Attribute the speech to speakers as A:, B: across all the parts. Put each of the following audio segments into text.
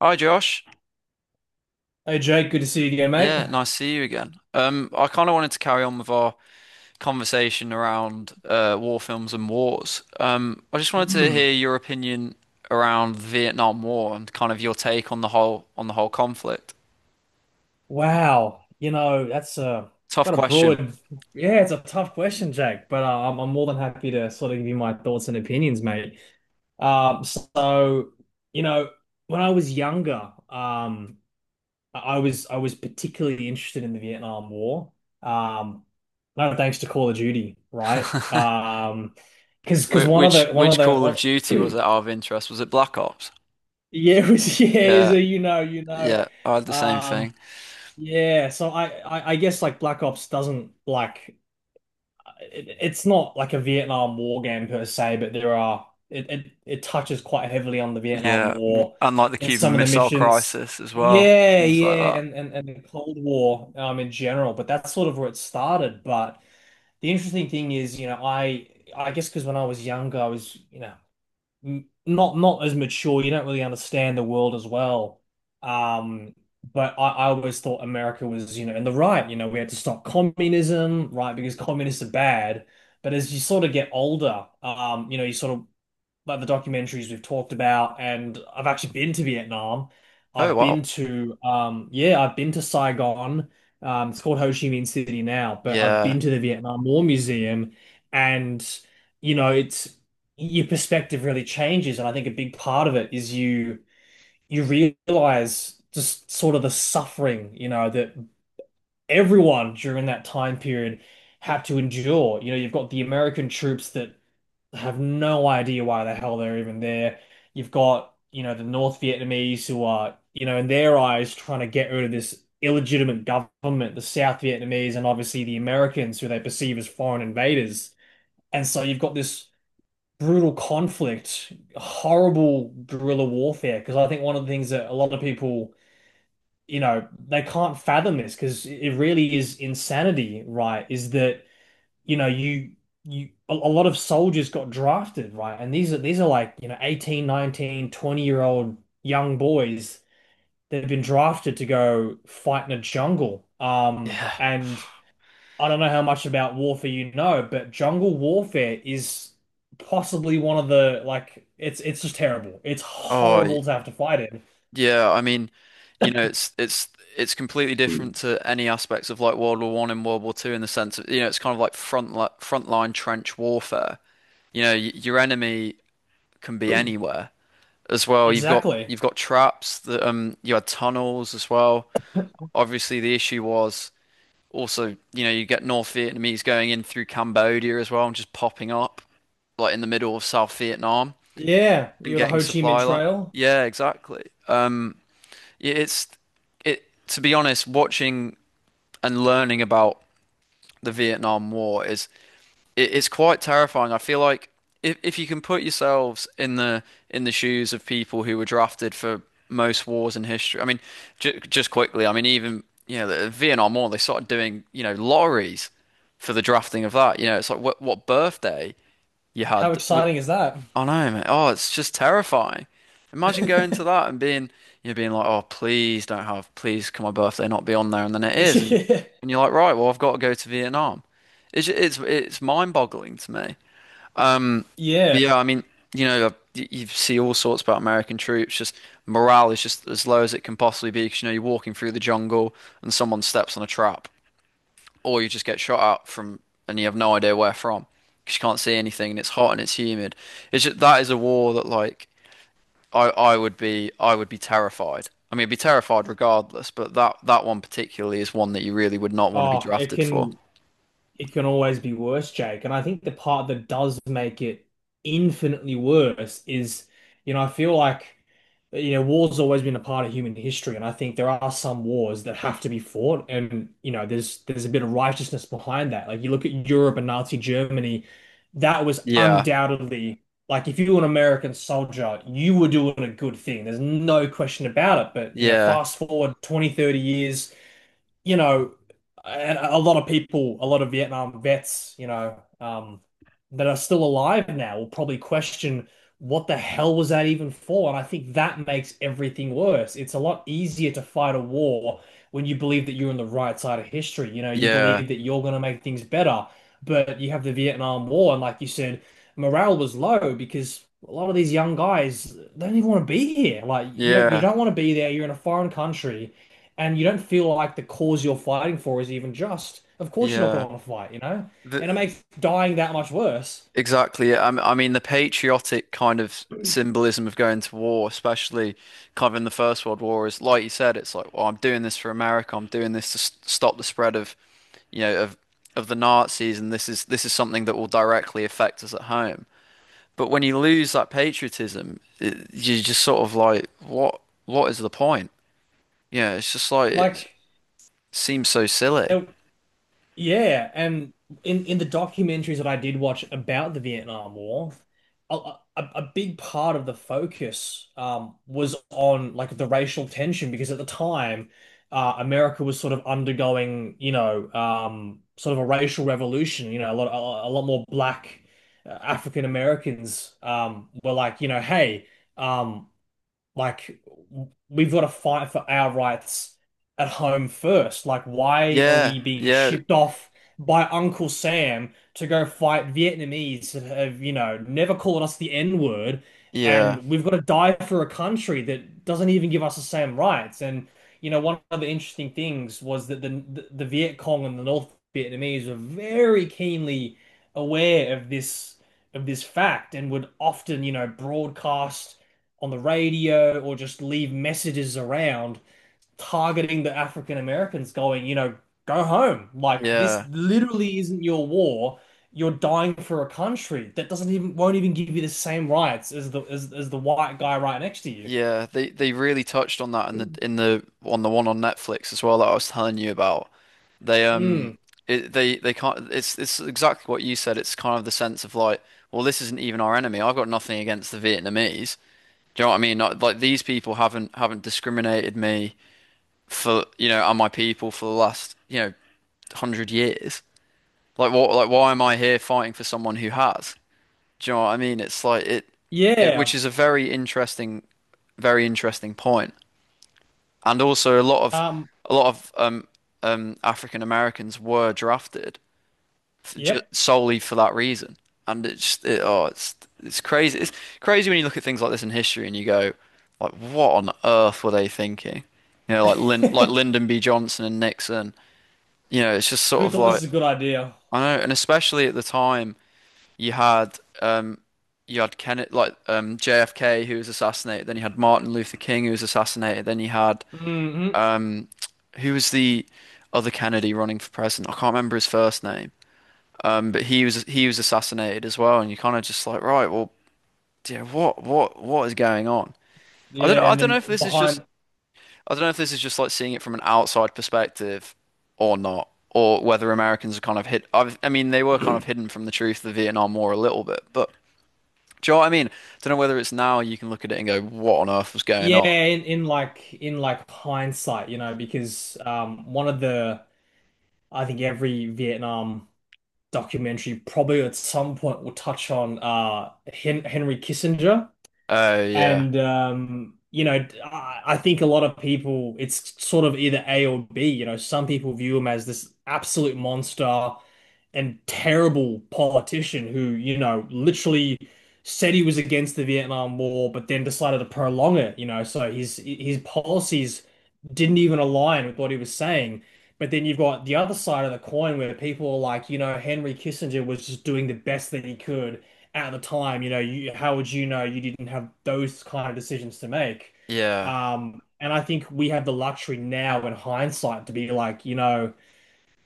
A: Hi Josh.
B: Hey Jake, good to see you again, mate.
A: Yeah, nice to see you again. I kind of wanted to carry on with our conversation around war films and wars. I just wanted to hear
B: Hmm.
A: your opinion around the Vietnam War and kind of your take on the whole conflict.
B: Wow, that's
A: Tough
B: quite a
A: question.
B: broad. Yeah, it's a tough question, Jake, but I'm more than happy to sort of give you my thoughts and opinions, mate. So you know, when I was younger, I was particularly interested in the Vietnam War. Um, no thanks to Call of Duty, right?
A: Wh-
B: Because one of
A: Which
B: the
A: which Call of Duty was it
B: one,
A: out of interest? Was it Black Ops?
B: yeah, it was yeah, so
A: Yeah,
B: you know, you know.
A: yeah, I had the same
B: Um.
A: thing.
B: Yeah, so I guess like Black Ops doesn't like it, it's not like a Vietnam War game per se, but there are it, it it touches quite heavily on the Vietnam
A: Yeah, w-
B: War
A: and like the
B: in some
A: Cuban
B: of the
A: Missile
B: missions.
A: Crisis as well,
B: Yeah,
A: things like
B: yeah,
A: that.
B: and the Cold War in general, but that's sort of where it started. But the interesting thing is, I guess because when I was younger, I was not as mature. You don't really understand the world as well. Um, but I always thought America was, in the right. We had to stop communism, right? Because communists are bad. But as you sort of get older, you sort of like the documentaries we've talked about, and I've actually been to Vietnam.
A: Oh wow.
B: I've been to Saigon. It's called Ho Chi Minh City now, but I've
A: Yeah,
B: been to the Vietnam War Museum, and you know, it's your perspective really changes, and I think a big part of it is you realize just sort of the suffering, that everyone during that time period had to endure. You've got the American troops that have no idea why the hell they're even there. You've got, the North Vietnamese who are, in their eyes trying to get rid of this illegitimate government, the South Vietnamese, and obviously the Americans who they perceive as foreign invaders. And so you've got this brutal conflict, horrible guerrilla warfare. Because I think one of the things that a lot of people, they can't fathom this because it really is insanity, right? Is that you know, you a lot of soldiers got drafted, right? And these are like, 18, 19, 20-year old young boys that have been drafted to go fight in a jungle.
A: yeah.
B: And I don't know how much about warfare you know, but jungle warfare is possibly one of the like it's just terrible. It's
A: Oh.
B: horrible to have to fight
A: Yeah, I mean, you know, it's completely different
B: in.
A: to any aspects of like World War One and World War Two in the sense of, you know, it's kind of like frontline trench warfare. You know, y your enemy can be anywhere as well. You've got
B: Exactly.
A: you've got traps that you had tunnels as well. Obviously, the issue was also, you know, you get North Vietnamese going in through Cambodia as well and just popping up like in the middle of South Vietnam
B: Yeah,
A: and
B: you're the
A: getting
B: Ho Chi Minh
A: supply like.
B: Trail.
A: Yeah, exactly. Yeah, it to be honest, watching and learning about the Vietnam War is it's quite terrifying. I feel like if you can put yourselves in the shoes of people who were drafted for most wars in history. I mean, j just quickly, I mean even you know the Vietnam War, they started doing you know lotteries for the drafting of that. You know, it's like what birthday you
B: How
A: had.
B: exciting is that?
A: I know, mate. Oh, it's just terrifying. Imagine going to that and being, you know, being like, oh, please don't have, please can my birthday not be on there, and then it is, and you, and you're like, right, well, I've got to go to Vietnam. It's it's mind-boggling to me.
B: Yeah.
A: But yeah, I mean, you know, you see all sorts about American troops. Just morale is just as low as it can possibly be because you know you're walking through the jungle and someone steps on a trap, or you just get shot at from, and you have no idea where from because you can't see anything and it's hot and it's humid. It's just, that is a war that like. I would be terrified. I mean, I'd be terrified regardless, but that one particularly is one that you really would not want to be
B: Oh, it
A: drafted for.
B: can it can always be worse, Jake. And I think the part that does make it infinitely worse is, I feel like, war's always been a part of human history, and I think there are some wars that have to be fought, and there's a bit of righteousness behind that. Like you look at Europe and Nazi Germany, that was
A: Yeah,
B: undoubtedly like if you were an American soldier, you were doing a good thing. There's no question about it. But you know,
A: yeah,
B: fast forward 20, 30 years you know, and a lot of people, a lot of Vietnam vets, that are still alive now will probably question what the hell was that even for? And I think that makes everything worse. It's a lot easier to fight a war when you believe that you're on the right side of history. You
A: yeah,
B: believe that you're going to make things better, but you have the Vietnam War, and like you said, morale was low because a lot of these young guys, they don't even want to be here. Like you don't, you
A: yeah,
B: don't want to be there. You're in a foreign country and you don't feel like the cause you're fighting for is even just, of course you're not going
A: yeah.
B: to want to fight, you know? And it
A: The,
B: makes dying that much worse.
A: exactly. it. I mean, the patriotic kind of symbolism of going to war, especially kind of in the First World War, is like you said, it's like, well, I'm doing this for America. I'm doing this to s stop the spread of, you know, of the Nazis, and this is something that will directly affect us at home. But when you lose that patriotism, it, you're just sort of like, what? What is the point? Yeah, it's just like
B: Like,
A: it seems so silly.
B: there, Yeah, and in the documentaries that I did watch about the Vietnam War, a big part of the focus, was on like the racial tension because at the time, America was sort of undergoing, sort of a racial revolution. A lot more black African Americans, were like, hey. Um, like we've got to fight for our rights at home first. Like why are
A: Yeah,
B: we being
A: yeah,
B: shipped off by Uncle Sam to go fight Vietnamese that have, never called us the N-word
A: yeah,
B: and we've got to die for a country that doesn't even give us the same rights. And one of the interesting things was that the Viet Cong and the North Vietnamese were very keenly aware of this fact and would often, broadcast on the radio or just leave messages around targeting the African Americans, going, go home. Like this
A: yeah,
B: literally isn't your war. You're dying for a country that doesn't even won't even give you the same rights as the white guy right next to you.
A: yeah. They really touched on that in the on the one on Netflix as well that I was telling you about. They
B: Mm,
A: it, they can't. It's exactly what you said. It's kind of the sense of like, well, this isn't even our enemy. I've got nothing against the Vietnamese. Do you know what I mean? Not, like these people haven't discriminated me for you know and my people for the last you know hundred years. Like what? Like why am I here fighting for someone who has? Do you know what I mean? It which
B: yeah.
A: is a very interesting point. And also a lot of
B: Um,
A: a lot of um um African Americans were drafted
B: yep.
A: solely for that reason. And oh it's crazy. It's crazy when you look at things like this in history and you go like what on earth were they thinking? You know like Lyndon B. Johnson and Nixon you know, it's just sort
B: Who
A: of
B: thought this
A: like
B: is a good idea?
A: I know, and especially at the time you had um you had Kennedy like JFK who was assassinated, then you had Martin Luther King who was assassinated, then you had
B: Hmm.
A: um who was the other Kennedy running for president? I can't remember his first name. But he was assassinated as well, and you kind of just like, right, well, yeah, what is going on? I don't
B: Yeah,
A: I
B: and
A: don't
B: then
A: know if this is just
B: behind
A: I don't know if this is just like seeing it from an outside perspective or not, or whether Americans are kind of hid. I mean, they were kind of hidden from the truth of the Vietnam War a little bit, but do you know what I mean? Don't know whether it's now you can look at it and go, what on earth was going
B: yeah,
A: on?
B: in like hindsight, because one of the I think every Vietnam documentary probably at some point will touch on Henry Kissinger.
A: Oh, yeah.
B: And I think a lot of people, it's sort of either A or B. Some people view him as this absolute monster and terrible politician who, literally said he was against the Vietnam War, but then decided to prolong it. So his policies didn't even align with what he was saying. But then you've got the other side of the coin where people are like, Henry Kissinger was just doing the best that he could at the time, how would you know you didn't have those kind of decisions to make?
A: Yeah.
B: And I think we have the luxury now in hindsight to be like,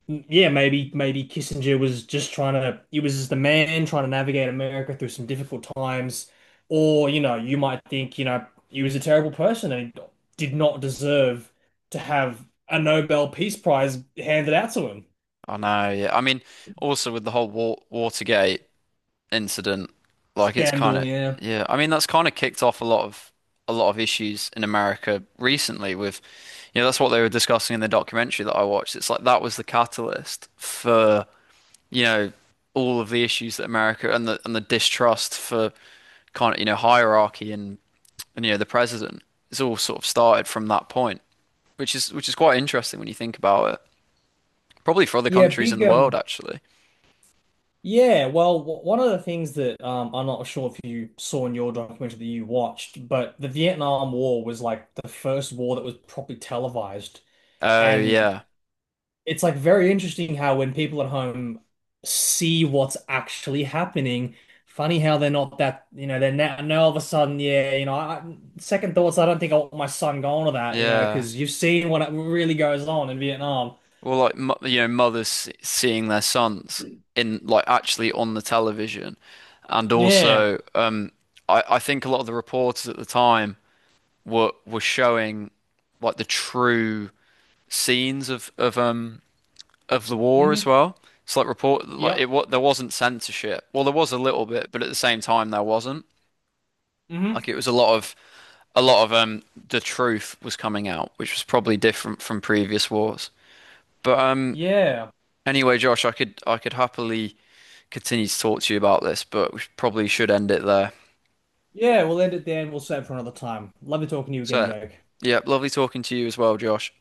B: yeah, maybe Kissinger was just he was just the man trying to navigate America through some difficult times, or you might think, he was a terrible person and he did not deserve to have a Nobel Peace Prize handed out to him.
A: I know. Yeah. I mean, also with the whole Watergate. Incident. Like it's kind
B: Scandal,
A: of
B: yeah.
A: yeah. I mean, that's kind of kicked off a lot of issues in America recently with you know that's what they were discussing in the documentary that I watched. It's like that was the catalyst for you know all of the issues that America and the distrust for kind of you know hierarchy and you know the president. It's all sort of started from that point, which is quite interesting when you think about it. Probably for other
B: Yeah,
A: countries in
B: big
A: the world, actually.
B: yeah, well, one of the things that I'm not sure if you saw in your documentary that you watched, but the Vietnam War was like the first war that was properly televised.
A: Oh
B: And
A: yeah,
B: it's like very interesting how when people at home see what's actually happening, funny how they're not that, they're now all of a sudden, yeah, second thoughts, I don't think I want my son going to that,
A: yeah.
B: because you've seen what really goes on in Vietnam.
A: Or like you know mothers seeing their sons in like actually on the television, and
B: Yeah.
A: also I think a lot of the reporters at the time were showing like the true scenes of the war as
B: Hmm.
A: well. It's like report like
B: Yep.
A: it what there wasn't censorship. Well, there was a little bit, but at the same time there wasn't.
B: Hmm.
A: Like it was a lot of the truth was coming out, which was probably different from previous wars. But.
B: Yeah.
A: Anyway, Josh, I could happily continue to talk to you about this, but we probably should end it there.
B: Yeah, we'll end it there and we'll save for another time. Lovely talking to you again,
A: So,
B: Jake.
A: yeah, lovely talking to you as well, Josh.